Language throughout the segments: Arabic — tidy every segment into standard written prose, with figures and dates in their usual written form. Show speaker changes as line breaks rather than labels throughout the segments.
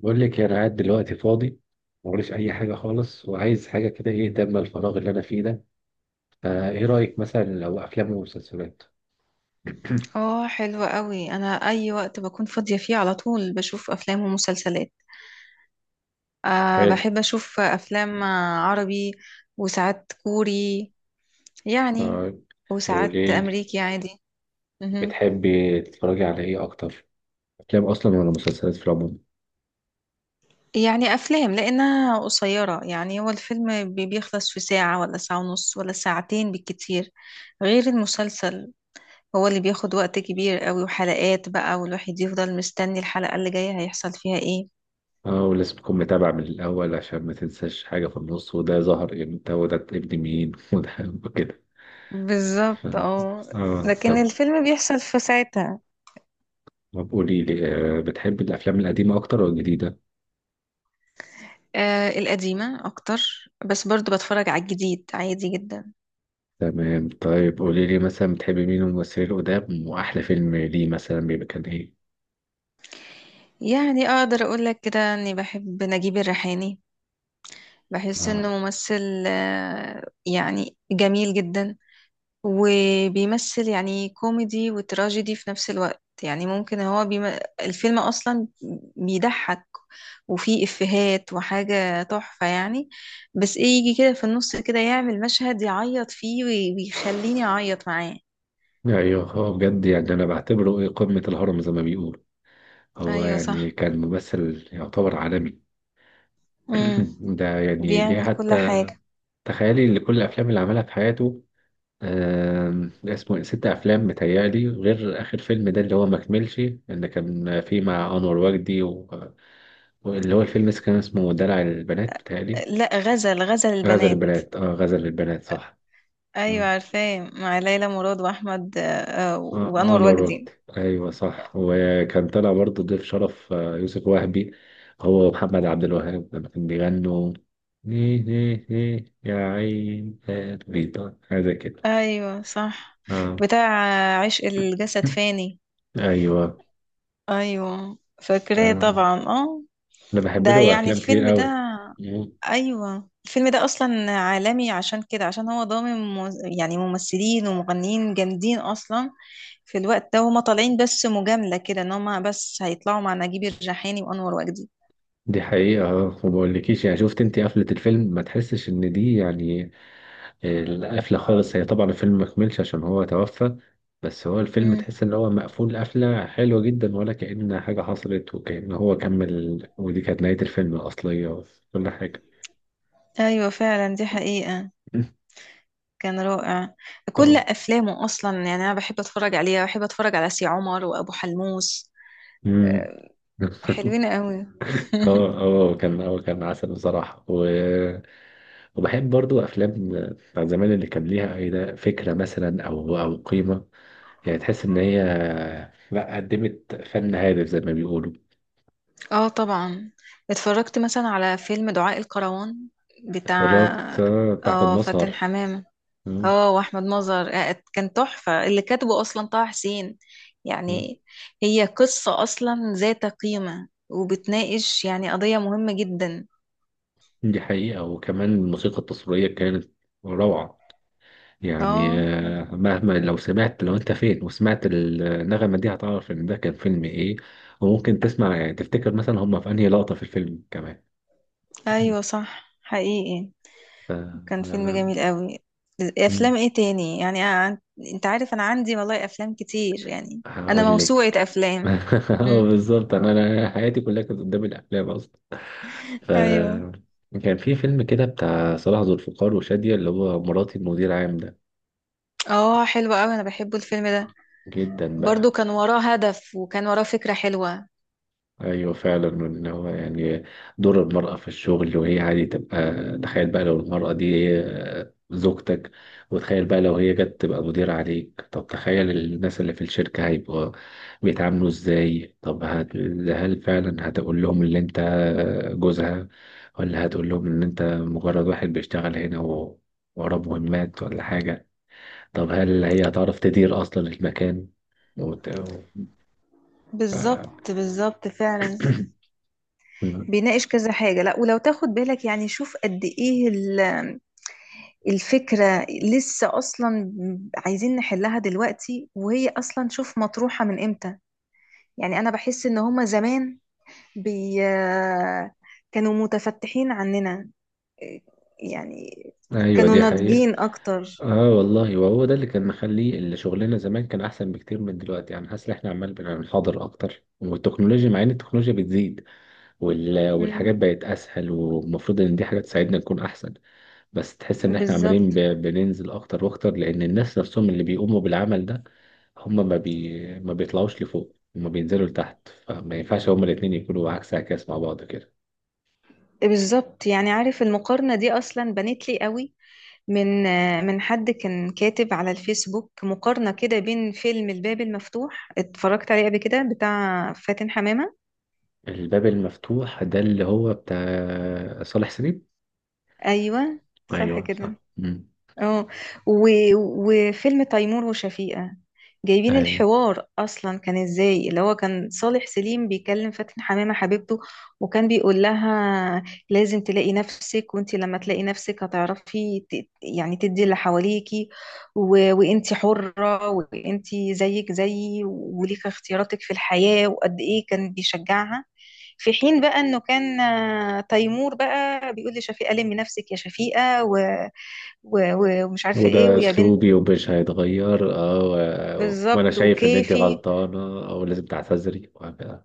بقول لك انا قاعد دلوقتي فاضي، موريش اي حاجه خالص وعايز حاجه كده، ايه تملى الفراغ اللي انا فيه ده؟ فايه رايك مثلا لو افلام ومسلسلات؟
اه، حلو قوي. انا اي وقت بكون فاضية فيه على طول بشوف افلام ومسلسلات. أه،
حلو.
بحب اشوف افلام عربي، وساعات كوري، يعني،
طيب
وساعات
قولي لي،
امريكي عادي. مهم.
بتحبي تتفرجي على ايه اكتر، افلام اصلا ولا مسلسلات في العموم؟
يعني افلام لانها قصيرة، يعني هو الفيلم بيخلص في ساعة ولا ساعة ونص ولا ساعتين بالكتير، غير المسلسل هو اللي بياخد وقت كبير قوي وحلقات بقى، والواحد يفضل مستني الحلقة اللي جاية هيحصل فيها ايه.
اه، ولازم تكون متابع من الاول عشان ما تنساش حاجه في النص، وده ظهر امتى وده ابن مين وده وكده. ف-
بالظبط اه.
اه،
لكن
طب
الفيلم بيحصل في ساعتها.
طب قولي لي، بتحبي الافلام القديمه اكتر ولا الجديده؟
آه، القديمة أكتر، بس برضو بتفرج على الجديد عادي جدا.
تمام. طيب قولي لي مثلا بتحبي مين من الممثلين القدام، واحلى فيلم ليه مثلا بيبقى كان ايه؟
يعني أقدر أقولك كده أني بحب نجيب الريحاني. بحس
مم.
إنه ممثل يعني جميل جدا. وبيمثل يعني كوميدي وتراجيدي في نفس الوقت، يعني ممكن هو. الفيلم أصلا بيضحك، وفيه إفيهات وحاجة تحفة يعني. بس إيه، يجي كده في النص كده يعمل مشهد يعيط فيه ويخليني أعيط معاه.
ايوه، هو بجد يعني انا بعتبره ايه، قمة الهرم زي ما بيقول. هو
أيوة
يعني
صح.
كان ممثل يعتبر عالمي.
امم.
ده يعني ليه
بيعمل كل
حتى.
حاجة.
تخيلي ان كل الافلام اللي عملها في حياته، اسمه إيه؟ ست افلام متهيألي، غير اخر فيلم ده اللي هو ما كملش، اللي كان فيه مع انور وجدي واللي هو الفيلم كان اسمه دلع البنات متهيألي.
لا، غزل
غزل
البنات.
البنات، اه، غزل البنات صح.
أيوة عارفاه، مع ليلى مراد وأحمد وأنور
انور وجدي.
وجدي.
ايوه صح، وكان طلع برضه ضيف شرف يوسف وهبي، هو ومحمد عبد الوهاب لما كان بيغنوا ليه ليه ليه يا عين قلبي. هذا كده.
أيوة صح.
آه.
بتاع عشق الجسد فاني.
ايوه.
ايوه فاكراه
آه.
طبعا اه.
انا بحب
ده
له
يعني
افلام كتير
الفيلم ده،
قوي.
ايوه الفيلم ده اصلا عالمي، عشان كده، عشان هو ضامن يعني ممثلين ومغنيين جامدين اصلا. في الوقت ده هما طالعين بس مجاملة كده ان هما بس هيطلعوا مع نجيب الريحاني وانور وجدي.
دي حقيقة. اه، وما اقولكيش يعني، شفت انت قفلة الفيلم، ما تحسش ان دي يعني القفلة خالص. هي طبعا الفيلم مكملش عشان هو توفى، بس هو الفيلم
مم.
تحس ان هو مقفول قفلة حلوة جدا، ولا كأن حاجة حصلت وكأن هو كمل، ودي كانت نهاية الفيلم الأصلية وكل حاجة.
ايوه فعلا، دي حقيقة. كان رائع. كل
طبعا.
افلامه اصلا يعني انا بحب اتفرج عليها، بحب اتفرج على سي عمر وابو حلموس.
مم.
آه، حلوين قوي.
اه. اه، كان عسل بصراحة وبحب برضو أفلام بتاع زمان اللي كان ليها أي فكرة مثلا، أو أو قيمة، يعني تحس إن هي لا قدمت فن هادف زي ما بيقولوا.
اه طبعا. اتفرجت مثلا على فيلم دعاء الكروان، بتاع
اتفرجت، بتاع أحمد
اه فاتن
مظهر.
حمامة،
مم.
اه واحمد مظهر. آه، كان تحفة. اللي كاتبه اصلا طه حسين
مم.
يعني. هي قصة اصلا ذات قيمة وبتناقش يعني قضية مهمة جدا.
دي حقيقة، وكمان الموسيقى التصويرية كانت روعة. يعني
اه.
مهما، لو انت فين وسمعت النغمة دي هتعرف ان ده كان فيلم ايه. وممكن تسمع يعني تفتكر مثلا هما في انهي لقطة في الفيلم كمان.
ايوه صح، حقيقي.
ف...
كان فيلم
آه،
جميل قوي.
مم.
افلام ايه تاني يعني، انت عارف انا عندي والله افلام كتير يعني. انا
هقول لك.
موسوعة افلام.
اه،
مم.
بالظبط، انا حياتي كلها كانت قدام الافلام اصلا. ف
ايوه.
كان في فيلم كده بتاع صلاح ذو الفقار وشادية، اللي هو مراتي المدير عام ده.
اه حلو قوي، انا بحبه الفيلم ده.
جدا بقى.
برضو كان وراه هدف وكان وراه فكرة حلوة.
ايوه فعلا، ان هو يعني دور المرأة في الشغل وهي عادي تبقى. تخيل بقى لو المرأة دي هي زوجتك، وتخيل بقى لو هي جت تبقى مدير عليك. طب تخيل الناس اللي في الشركة هيبقوا بيتعاملوا ازاي؟ طب هل فعلا هتقول لهم اللي انت جوزها؟ ولا هتقول لهم ان انت مجرد واحد بيشتغل هنا وراه مهمات ولا حاجة؟ طب هل هي هتعرف تدير اصلا المكان وت- ف-
بالظبط بالظبط فعلا. بيناقش كذا حاجة. لا، ولو تاخد بالك يعني شوف قد ايه الفكرة لسه اصلا عايزين نحلها دلوقتي، وهي اصلا شوف مطروحة من امتى. يعني انا بحس ان هما زمان بي كانوا متفتحين عننا، يعني
ايوه
كانوا
دي حقيقة.
ناضجين اكتر.
اه والله، وهو ده اللي كان مخليه اللي شغلنا زمان كان احسن بكتير من دلوقتي. يعني حاسس ان احنا عمال بنحاضر اكتر، والتكنولوجيا مع ان التكنولوجيا بتزيد
مم،
والحاجات بقت اسهل، والمفروض ان دي حاجه تساعدنا نكون احسن. بس تحس ان احنا عمالين
بالظبط
بننزل اكتر واكتر، لان الناس نفسهم اللي بيقوموا بالعمل ده هم ما بيطلعوش لفوق، هم بينزلوا لتحت، فما ينفعش هما الاتنين يكونوا عكس عكاس مع بعض كده.
بالظبط. يعني عارف المقارنة دي أصلا بنت لي قوي، من من حد كان كاتب على الفيسبوك مقارنة كده بين فيلم الباب المفتوح، اتفرجت عليه قبل كده، بتاع فاتن حمامة.
الباب المفتوح ده اللي هو بتاع صالح سليم.
أيوة صح
ايوه صح.
كده.
مم.
اه. و... وفيلم تيمور وشفيقة. جايبين
ايوه،
الحوار اصلا كان ازاي، اللي هو كان صالح سليم بيكلم فاتن حمامة حبيبته، وكان بيقول لها لازم تلاقي نفسك، وانت لما تلاقي نفسك هتعرفي يعني تدي اللي حواليكي، و... وانت حرة، وانت زيك زيي، وليك اختياراتك في الحياة، وقد ايه كان بيشجعها. في حين بقى انه كان تيمور بقى بيقول لشفيقة: لمي نفسك يا شفيقة ومش عارفة ايه
وده
ويا بنت،
اسلوبي ومش هيتغير، اه. وانا
بالظبط
شايف ان انت
وكيفي.
غلطانه او لازم تعتذري وهكذا.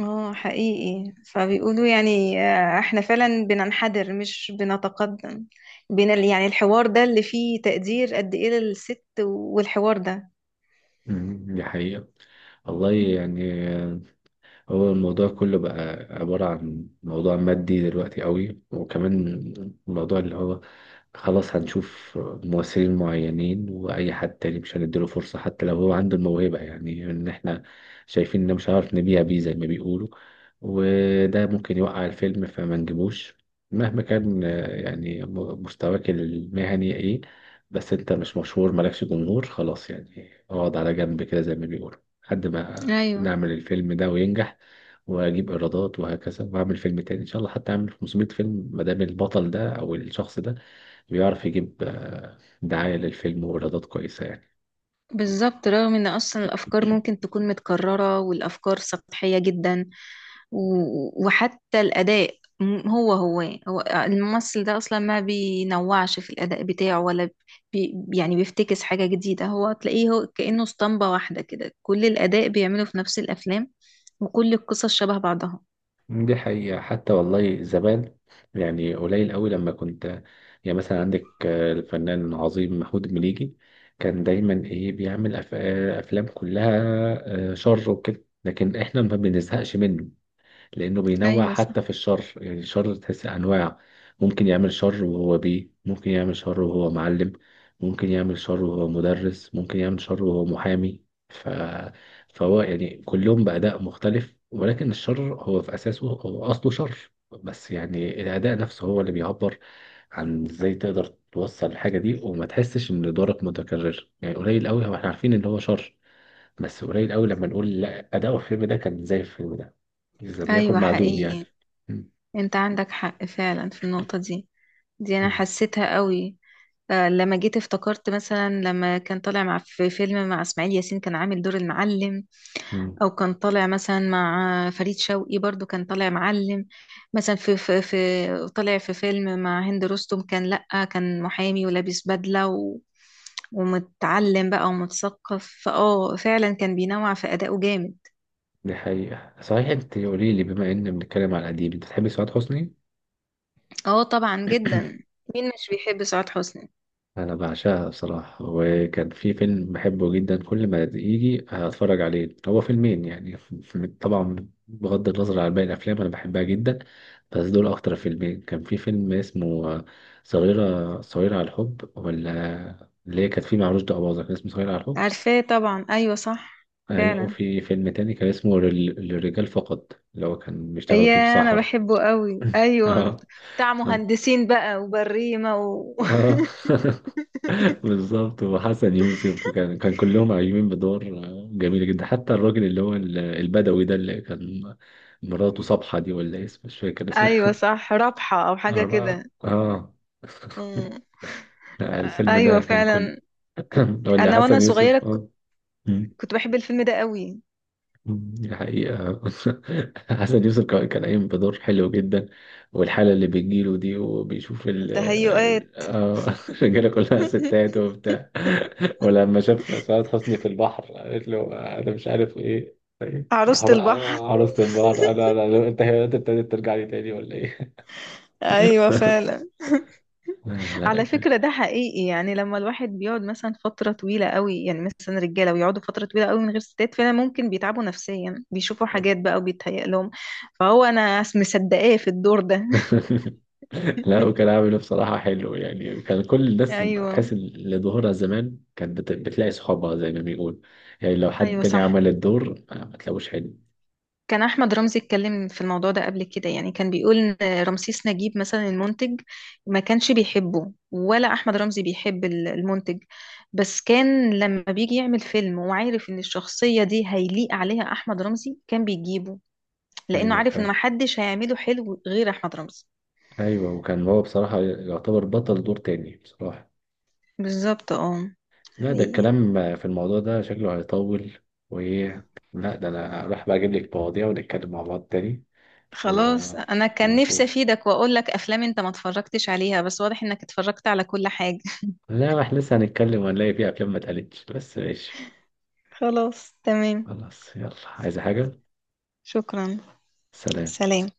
اه حقيقي. فبيقولوا يعني احنا فعلا بننحدر مش بنتقدم. بين يعني الحوار ده اللي فيه تقدير قد ايه للست، والحوار ده.
دي حقيقه والله يعني. هو الموضوع كله بقى عبارة عن موضوع مادي دلوقتي قوي، وكمان الموضوع اللي هو خلاص هنشوف ممثلين معينين، وأي حد تاني مش هنديله فرصة حتى لو هو عنده الموهبة، يعني إن إحنا شايفين إن مش هنعرف نبيع بيه زي ما بيقولوا، وده ممكن يوقع الفيلم فما نجيبوش. مهما كان يعني مستواك المهني إيه، بس أنت مش مشهور مالكش جمهور، خلاص يعني اقعد على جنب كده زي ما بيقولوا، لحد ما
ايوه
نعمل الفيلم ده وينجح واجيب ايرادات وهكذا، واعمل فيلم تاني ان شاء الله، حتى اعمل 500 فيلم، ما دام البطل ده او الشخص ده بيعرف يجيب دعاية للفيلم وايرادات كويسة يعني.
بالظبط. رغم ان اصلا الافكار ممكن تكون متكررة والافكار سطحية جدا، وحتى الاداء، هو. هو الممثل ده اصلا ما بينوعش في الاداء بتاعه، ولا يعني بيفتكس حاجة جديدة، هو تلاقيه هو كأنه اسطمبة واحدة كده، كل الاداء بيعمله في نفس الافلام، وكل القصص شبه بعضها.
دي حقيقة. حتى والله زمان يعني قليل قوي لما كنت، يعني مثلا عندك الفنان العظيم محمود المليجي كان دايما ايه بيعمل افلام كلها شر وكده، لكن احنا ما بنزهقش منه، لأنه بينوع
ايوه
حتى
صح.
في الشر، يعني الشر تحس أنواع. ممكن يعمل شر وهو بيه، ممكن يعمل شر وهو معلم، ممكن يعمل شر وهو مدرس، ممكن يعمل شر وهو محامي، ف... فهو يعني كلهم بأداء مختلف، ولكن الشر هو في أساسه هو أصله شر. بس يعني الأداء نفسه هو اللي بيعبر عن ازاي تقدر توصل الحاجة دي، وما تحسش ان دورك متكرر. يعني قليل قوي هو احنا عارفين ان هو شر، بس قليل قوي لما نقول لا أداؤه في الفيلم ده كان زي الفيلم ده، إذا لم يكن
ايوه
معدوم يعني.
حقيقي.
مم.
انت عندك حق فعلا في النقطة دي، دي انا
مم.
حسيتها قوي. آه، لما جيت افتكرت مثلا لما كان طالع مع في فيلم مع اسماعيل ياسين كان عامل دور المعلم،
مم.
او كان طالع مثلا مع فريد شوقي برضو كان طالع معلم، مثلا في طالع في فيلم مع هند رستم كان لأ كان محامي ولابس بدلة و ومتعلم بقى ومتثقف. فاه فعلا كان بينوع في أدائه جامد.
دي حقيقة صحيح. أنت قولي لي، بما إن بنتكلم على القديم، أنت بتحبي سعاد حسني؟
اه طبعا جدا. مين مش بيحب سعاد حسني؟
أنا بعشقها بصراحة، وكان في فيلم بحبه جدا، كل ما يجي هتفرج عليه هو فيلمين يعني طبعا بغض النظر عن باقي الأفلام، أنا بحبها جدا، بس دول أكتر فيلمين. كان في فيلم اسمه صغيرة على الحب، ولا اللي هي كانت فيه مع رشدي أباظة كان اسمه صغيرة على الحب.
عارفاه طبعا، ايوه صح
ايوه.
فعلا.
في فيلم تاني كان اسمه للرجال فقط، اللي هو كان بيشتغلوا فيه في
يا انا
صحراء.
بحبه قوي ايوه.
اه.
بتاع
اه.
مهندسين بقى وبريمة
آه. بالظبط، وحسن يوسف، وكان كلهم عايشين بدور جميلة جدا، حتى الراجل اللي هو البدوي ده، اللي كان مراته صبحة دي ولا إيه اسمه، مش فاكر
ايوه
اسمها.
صح، رابحة او حاجة
اه.
كده.
اه.
أمم.
لا، الفيلم ده
ايوه
كان كل
فعلا.
ولا
انا وانا
حسن
صغيرة
يوسف، اه.
كنت بحب الفيلم ده قوي.
دي حقيقة. حسن يوسف كان قايم بدور حلو جدا، والحالة اللي بتجيله دي وبيشوف ال
تهيؤات.
آه، الرجالة كلها ستات وبتاع. ولما شاف سعاد حسني في البحر قالت له أنا مش عارف إيه، إيه؟
عروسة البحر.
عروسة البحر. أنا أنت ابتديت ترجع لي تاني ولا إيه؟
ايوه فعلا.
لا، لا.
على فكرة ده حقيقي، يعني لما الواحد بيقعد مثلا فترة طويلة قوي، يعني مثلا رجالة ويقعدوا فترة طويلة قوي من غير ستات، فعلا ممكن بيتعبوا نفسيا، بيشوفوا حاجات بقى وبيتهيأ لهم. فهو انا مصدقاه في الدور ده.
لا، وكان عامل ايه بصراحة حلو يعني، كان كل الناس
ايوه.
تحس إن اللي ظهورها زمان كانت بتلاقي صحابها زي ما بيقول. يعني لو حد
ايوه
تاني
صح.
عمل الدور ما تلاقوش حلو.
كان احمد رمزي اتكلم في الموضوع ده قبل كده، يعني كان بيقول ان رمسيس نجيب مثلا المنتج ما كانش بيحبه، ولا احمد رمزي بيحب المنتج، بس كان لما بيجي يعمل فيلم وعارف ان الشخصية دي هيليق عليها احمد رمزي كان بيجيبه، لانه
أيوه
عارف ان
فاهم.
محدش هيعمله حلو غير احمد رمزي.
أيوه، وكان هو بصراحة يعتبر بطل دور تاني بصراحة.
بالظبط اه،
لا ده
حقيقي.
الكلام في الموضوع ده شكله هيطول. وإيه، لا، ده أنا راح بقى أجيب لك مواضيع ونتكلم مع بعض تاني و...
خلاص، انا كان نفسي
ونشوف.
افيدك واقول لك افلام انت ما اتفرجتش عليها، بس واضح انك اتفرجت على كل حاجة.
لا ما احنا لسه هنتكلم وهنلاقي فيه أفلام ما اتقالتش، بس ماشي.
خلاص تمام.
خلاص، يلا، عايزة حاجة؟
شكرا.
سلام.
سلام.